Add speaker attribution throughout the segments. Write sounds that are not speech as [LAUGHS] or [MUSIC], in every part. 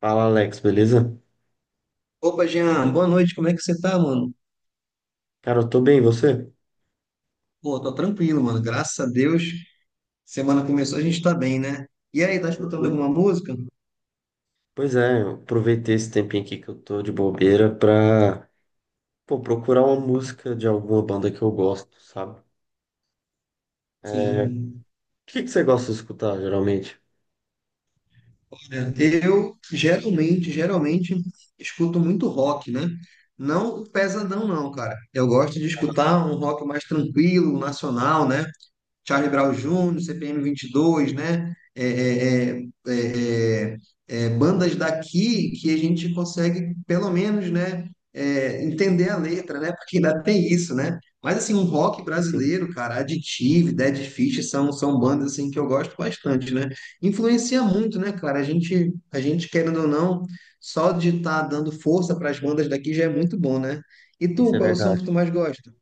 Speaker 1: Fala, Alex, beleza?
Speaker 2: Opa, Jean, boa noite, como é que você tá, mano?
Speaker 1: Cara, eu tô bem, e você?
Speaker 2: Pô, tô tranquilo, mano, graças a Deus. Semana começou, a gente tá bem, né? E aí, tá escutando
Speaker 1: Uhum.
Speaker 2: alguma música?
Speaker 1: Pois é, eu aproveitei esse tempinho aqui que eu tô de bobeira pra, pô, procurar uma música de alguma banda que eu gosto, sabe? É, o
Speaker 2: Sim.
Speaker 1: que que você gosta de escutar, geralmente?
Speaker 2: Olha, eu geralmente escuto muito rock, né? Não pesadão, não, cara. Eu gosto de escutar um rock mais tranquilo, nacional, né? Charlie Brown Jr., CPM 22, né? É, é, bandas daqui que a gente consegue, pelo menos, né? Entender a letra, né? Porque ainda tem isso, né? Mas assim, um rock
Speaker 1: Sim.
Speaker 2: brasileiro, cara, Additive, Dead Fish são bandas assim que eu gosto bastante, né? Influencia muito, né, cara? A gente querendo ou não, só de estar dando força para as bandas daqui já é muito bom, né? E tu,
Speaker 1: Isso é
Speaker 2: qual é o som
Speaker 1: verdade.
Speaker 2: que tu mais gosta?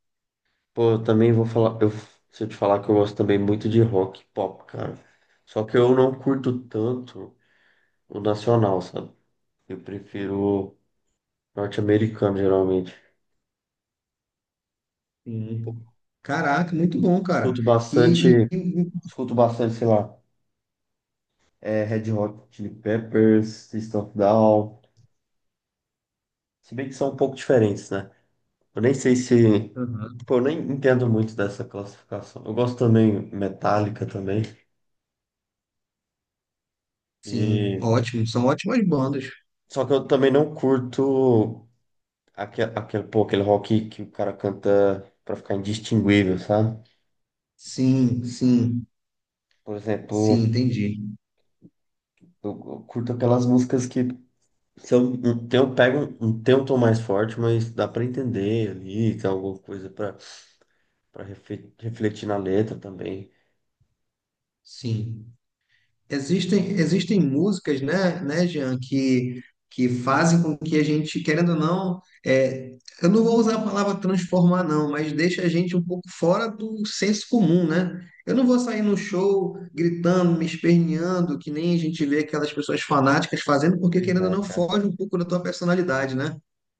Speaker 1: Pô, eu também vou falar, se eu te falar que eu gosto também muito de rock, e pop, cara. Só que eu não curto tanto o nacional, sabe? Eu prefiro norte-americano, geralmente.
Speaker 2: Sim. Caraca, muito bom, cara.
Speaker 1: Escuto
Speaker 2: E,
Speaker 1: bastante,
Speaker 2: e- e-
Speaker 1: Escuto bastante, sei lá. É, Red Hot Chili Peppers, System of a Down. Se bem que são um pouco diferentes, né? Eu nem sei se.
Speaker 2: Aham.
Speaker 1: Pô, eu nem entendo muito dessa classificação. Eu gosto também Metallica também.
Speaker 2: Sim,
Speaker 1: E...
Speaker 2: ótimo. São ótimas bandas.
Speaker 1: Só que eu também não curto pô, aquele rock que o cara canta pra ficar indistinguível, sabe?
Speaker 2: Sim, sim,
Speaker 1: Por
Speaker 2: sim,
Speaker 1: exemplo,
Speaker 2: entendi.
Speaker 1: eu eu curto aquelas músicas que são, tem, tem um tom mais forte, mas dá pra entender ali, tem alguma coisa pra para refletir na letra também.
Speaker 2: Sim. Existem músicas, né, Jean, que fazem com que a gente, querendo ou não, eu não vou usar a palavra transformar, não, mas deixa a gente um pouco fora do senso comum, né? Eu não vou sair no show gritando, me esperneando, que nem a gente vê aquelas pessoas fanáticas fazendo, porque
Speaker 1: Pois
Speaker 2: querendo ou
Speaker 1: é,
Speaker 2: não,
Speaker 1: cara.
Speaker 2: foge um pouco da tua personalidade, né?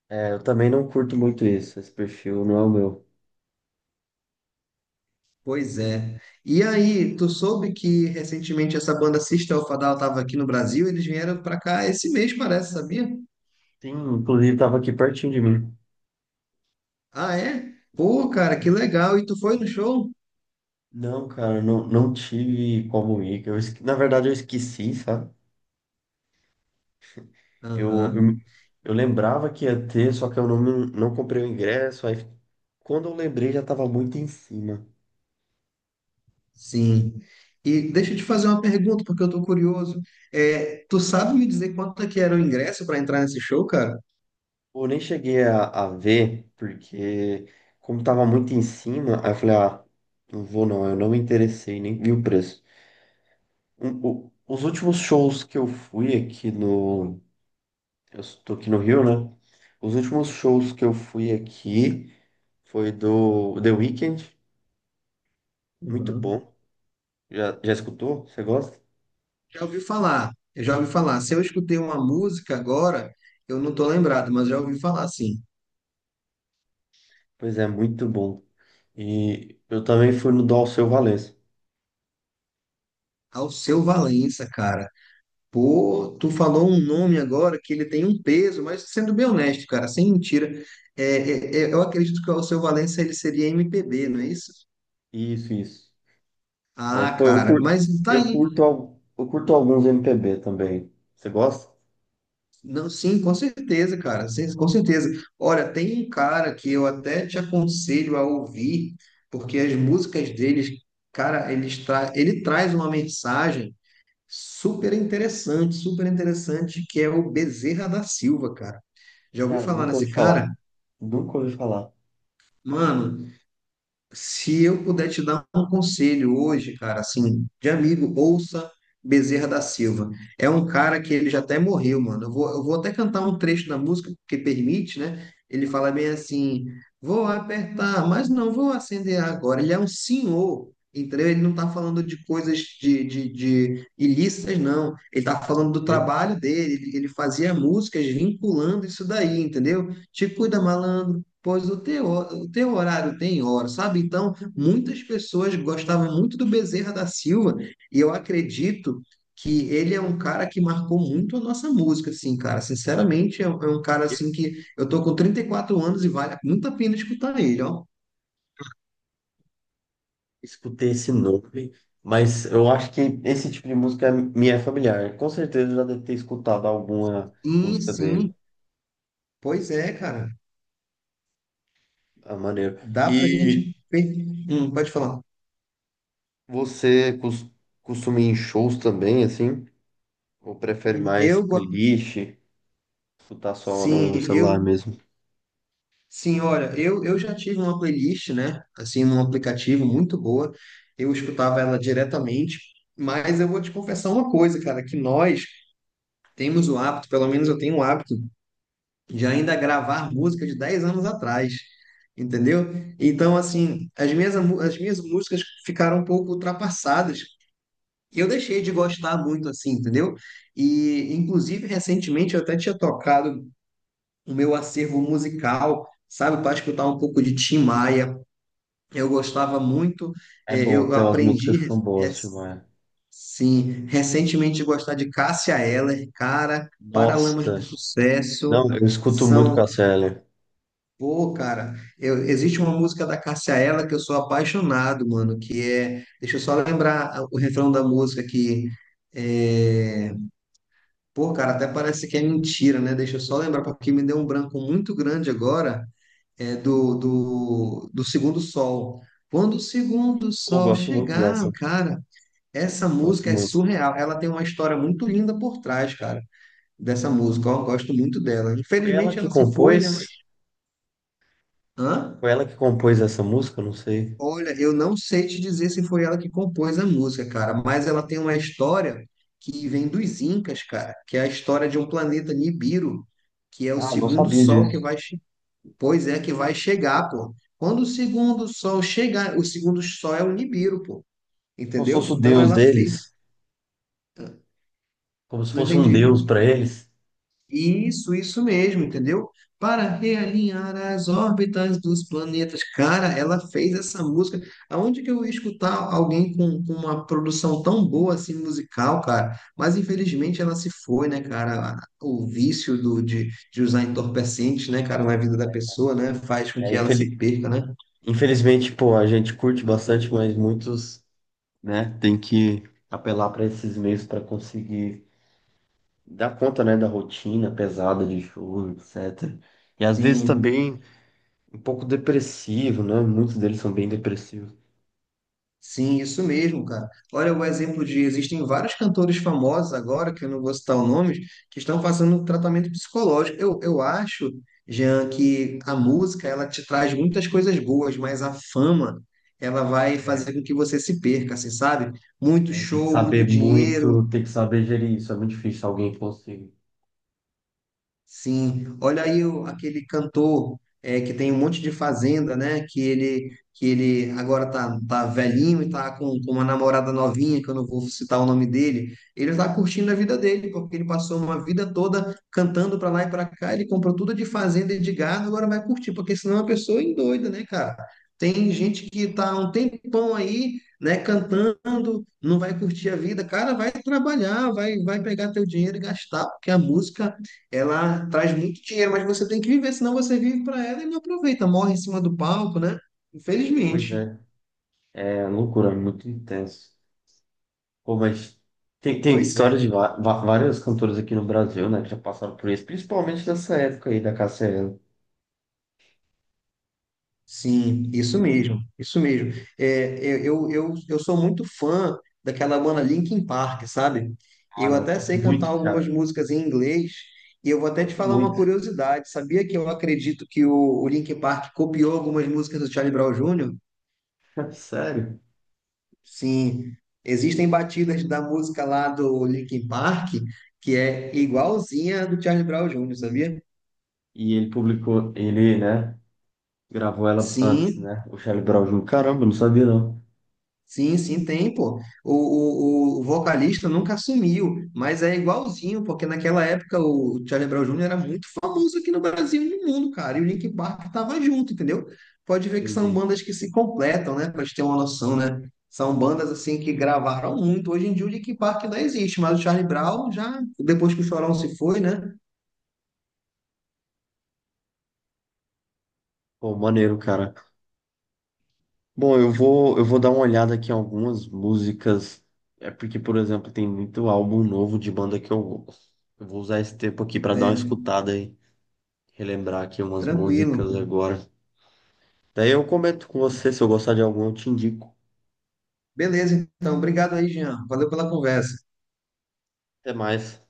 Speaker 1: É, eu também não curto muito isso. Esse perfil não é o meu.
Speaker 2: Pois é. E aí, tu soube que recentemente essa banda System of a Down estava aqui no Brasil, eles vieram para cá esse mês, parece, sabia?
Speaker 1: Sim, inclusive tava aqui pertinho de mim.
Speaker 2: Ah, é? Pô, cara, que legal. E tu foi no show?
Speaker 1: Não, cara, não, não tive como ir. Na verdade, eu esqueci, sabe? Eu, eu,
Speaker 2: Aham,
Speaker 1: me- eu lembrava que ia ter, só que eu não, não comprei o ingresso. Aí, quando eu lembrei, já tava muito em cima.
Speaker 2: sim. E deixa eu te fazer uma pergunta, porque eu tô curioso. Tu sabe me dizer quanto é que era o ingresso para entrar nesse show, cara?
Speaker 1: Eu nem cheguei a ver, porque como tava muito em cima, aí eu falei, ah, não vou não. Eu não me interessei, nem vi o preço. Os últimos shows que eu fui aqui no. Eu estou aqui no Rio, né? Os últimos shows que eu fui aqui foi do The Weeknd, muito
Speaker 2: Uhum.
Speaker 1: bom. Já escutou? Você gosta?
Speaker 2: Já ouvi falar, eu já ouvi falar. Se eu escutei uma música agora, eu não tô lembrado, mas já ouvi falar, sim.
Speaker 1: Pois é, muito bom. E eu também fui no do Alceu Valença.
Speaker 2: Alceu Valença, cara. Pô, tu falou um nome agora que ele tem um peso, mas sendo bem honesto, cara, sem mentira, eu acredito que o Alceu Valença ele seria MPB, não é isso?
Speaker 1: Isso, isso. Mas,
Speaker 2: Ah,
Speaker 1: pô,
Speaker 2: cara, mas tá aí.
Speaker 1: eu curto alguns MPB também. Você gosta?
Speaker 2: Não, sim, com certeza, cara. Sim, com certeza. Olha, tem um cara que eu até te aconselho a ouvir, porque as músicas deles, cara, ele traz uma mensagem super interessante, que é o Bezerra da Silva, cara. Já ouviu
Speaker 1: Cara,
Speaker 2: falar
Speaker 1: nunca
Speaker 2: nesse
Speaker 1: ouvi falar.
Speaker 2: cara?
Speaker 1: Nunca ouvi falar.
Speaker 2: Mano, se eu puder te dar um conselho hoje, cara, assim, de amigo, ouça Bezerra da Silva. É um cara que ele já até morreu, mano. Eu vou até cantar um trecho da música, porque permite, né? Ele fala bem assim: vou apertar, mas não vou acender agora. Ele é um senhor, entendeu? Ele não tá falando de coisas de ilícitas, não. Ele tá falando do
Speaker 1: Sei.
Speaker 2: trabalho dele. Ele fazia músicas vinculando isso daí, entendeu? Te cuida, malandro. Pois o teu horário tem hora, sabe? Então, muitas pessoas gostavam muito do Bezerra da Silva, e eu acredito que ele é um cara que marcou muito a nossa música, assim, cara. Sinceramente, é um cara, assim, que eu tô com 34 anos e vale muito a pena escutar ele, ó.
Speaker 1: Escutei esse nome, mas eu acho que esse tipo de música me é familiar. Com certeza eu já deve ter escutado alguma
Speaker 2: Sim,
Speaker 1: música dele.
Speaker 2: sim, pois é, cara.
Speaker 1: Ah, maneiro.
Speaker 2: Dá pra
Speaker 1: E
Speaker 2: gente... Pode falar.
Speaker 1: você costuma ir em shows também, assim? Ou prefere mais
Speaker 2: Eu, go-
Speaker 1: playlist? Escutar só
Speaker 2: sim,
Speaker 1: no celular mesmo?
Speaker 2: Sim, olha, eu já tive uma playlist, né? Assim, num aplicativo muito boa. Eu escutava ela diretamente, mas eu vou te confessar uma coisa, cara, que nós temos o hábito, pelo menos eu tenho o hábito, de ainda gravar música de 10 anos atrás, entendeu? Então, assim, as minhas músicas ficaram um pouco ultrapassadas. E eu deixei de gostar muito, assim, entendeu? E, inclusive, recentemente eu até tinha tocado o meu acervo musical sabe, para escutar um pouco de Tim Maia, eu gostava muito,
Speaker 1: É bom,
Speaker 2: eu
Speaker 1: tem umas
Speaker 2: aprendi,
Speaker 1: músicas que são boas, Gilmar.
Speaker 2: sim, recentemente a gostar de Cássia Eller, cara, Paralamas do
Speaker 1: Nossa!
Speaker 2: Sucesso,
Speaker 1: Não, eu escuto muito
Speaker 2: são,
Speaker 1: Cássia.
Speaker 2: pô, cara, existe uma música da Cássia Eller que eu sou apaixonado, mano, que é, deixa eu só lembrar o refrão da música que, é, pô, cara, até parece que é mentira, né? Deixa eu só lembrar, porque me deu um branco muito grande agora, do Segundo Sol. Quando o Segundo
Speaker 1: Eu
Speaker 2: Sol
Speaker 1: gosto muito
Speaker 2: chegar,
Speaker 1: dessa.
Speaker 2: cara, essa
Speaker 1: Gosto
Speaker 2: música é
Speaker 1: muito.
Speaker 2: surreal. Ela tem uma história muito linda por trás, cara, dessa música. Eu gosto muito dela.
Speaker 1: Foi ela
Speaker 2: Infelizmente
Speaker 1: que
Speaker 2: ela se foi, né? Mas.
Speaker 1: compôs?
Speaker 2: Hã?
Speaker 1: Foi ela que compôs essa música? Não sei.
Speaker 2: Olha, eu não sei te dizer se foi ela que compôs a música, cara, mas ela tem uma história que vem dos Incas, cara, que é a história de um planeta Nibiru, que é o
Speaker 1: Ah, não
Speaker 2: segundo
Speaker 1: sabia
Speaker 2: sol que
Speaker 1: disso.
Speaker 2: vai. Pois é que vai chegar, pô. Quando o segundo sol chegar, o segundo sol é o Nibiru, pô.
Speaker 1: Como se
Speaker 2: Entendeu?
Speaker 1: fosse o
Speaker 2: Então
Speaker 1: deus
Speaker 2: ela
Speaker 1: deles,
Speaker 2: fez.
Speaker 1: como se
Speaker 2: Não
Speaker 1: fosse um deus
Speaker 2: entendi.
Speaker 1: pra eles.
Speaker 2: Isso mesmo, entendeu? Para realinhar as órbitas dos planetas. Cara, ela fez essa música. Aonde que eu ia escutar alguém com uma produção tão boa assim musical, cara? Mas infelizmente ela se foi, né, cara? O vício de usar entorpecentes, né, cara, na vida da pessoa, né, faz com que
Speaker 1: É,
Speaker 2: ela se
Speaker 1: infeli-
Speaker 2: perca, né?
Speaker 1: Infelizmente, pô, a gente curte bastante, mas muitos, né, tem que apelar para esses meios para conseguir dar conta, né, da rotina pesada de show, etc. E às vezes
Speaker 2: Sim.
Speaker 1: também um pouco depressivo, né? Muitos deles são bem depressivos.
Speaker 2: Sim, isso mesmo, cara. Olha o exemplo de existem vários cantores famosos agora, que eu não vou citar o nome, que estão fazendo um tratamento psicológico. Eu acho, Jean, que a música ela te traz muitas coisas boas, mas a fama ela vai
Speaker 1: É,
Speaker 2: fazer com que você se perca, assim, sabe? Muito
Speaker 1: Tem que
Speaker 2: show, muito
Speaker 1: saber
Speaker 2: dinheiro.
Speaker 1: muito, tem que saber gerir isso. É muito difícil alguém conseguir.
Speaker 2: Sim, olha aí aquele cantor é, que tem um monte de fazenda, né? Que ele agora tá velhinho e tá com uma namorada novinha, que eu não vou citar o nome dele. Ele tá curtindo a vida dele, porque ele passou uma vida toda cantando para lá e para cá. Ele comprou tudo de fazenda e de gado, agora vai curtir, porque senão a pessoa endoida, né, cara? Tem gente que tá há um tempão aí, né, cantando, não vai curtir a vida. Cara, vai trabalhar, vai pegar teu dinheiro e gastar, porque a música ela traz muito dinheiro, mas você tem que viver, senão você vive para ela e não aproveita, morre em cima do palco, né?
Speaker 1: Pois
Speaker 2: Infelizmente.
Speaker 1: é, é loucura, é muito intenso. Pô, mas tem
Speaker 2: Pois é,
Speaker 1: história de
Speaker 2: né?
Speaker 1: várias cantoras aqui no Brasil, né, que já passaram por isso, principalmente nessa época aí da Cassiane.
Speaker 2: Sim, isso mesmo, isso mesmo. Eu sou muito fã daquela banda Linkin Park, sabe?
Speaker 1: Ah,
Speaker 2: Eu
Speaker 1: não, eu
Speaker 2: até
Speaker 1: curto
Speaker 2: sei cantar
Speaker 1: muito,
Speaker 2: algumas
Speaker 1: cara,
Speaker 2: músicas em inglês, e eu vou até te
Speaker 1: curto
Speaker 2: falar uma
Speaker 1: muito.
Speaker 2: curiosidade. Sabia que eu acredito que o Linkin Park copiou algumas músicas do Charlie Brown Jr.?
Speaker 1: [LAUGHS] Sério.
Speaker 2: Sim, existem batidas da música lá do Linkin Park que é igualzinha a do Charlie Brown Jr., sabia?
Speaker 1: E ele publicou, ele, né, gravou ela antes,
Speaker 2: Sim,
Speaker 1: né, o Charlie Brown Jr. Caramba, não sabia não.
Speaker 2: sim, sim, tem, pô. O vocalista nunca assumiu, mas é igualzinho, porque naquela época o Charlie Brown Jr. era muito famoso aqui no Brasil e no mundo, cara, e o Linkin Park tava junto, entendeu? Pode ver que são
Speaker 1: Entendi.
Speaker 2: bandas que se completam, né, pra gente ter uma noção, né? São bandas, assim, que gravaram muito. Hoje em dia o Linkin Park ainda existe, mas o Charlie Brown já, depois que o Chorão se foi, né?
Speaker 1: Pô, maneiro, cara. Bom, eu vou dar uma olhada aqui em algumas músicas, é porque, por exemplo, tem muito álbum novo de banda que eu vou usar esse tempo aqui pra dar uma
Speaker 2: Certo,
Speaker 1: escutada e relembrar aqui umas
Speaker 2: tranquilo.
Speaker 1: músicas agora. Daí eu comento com você, se eu gostar de algum, eu te indico.
Speaker 2: Beleza, então. Obrigado aí, Jean. Valeu pela conversa.
Speaker 1: Até mais.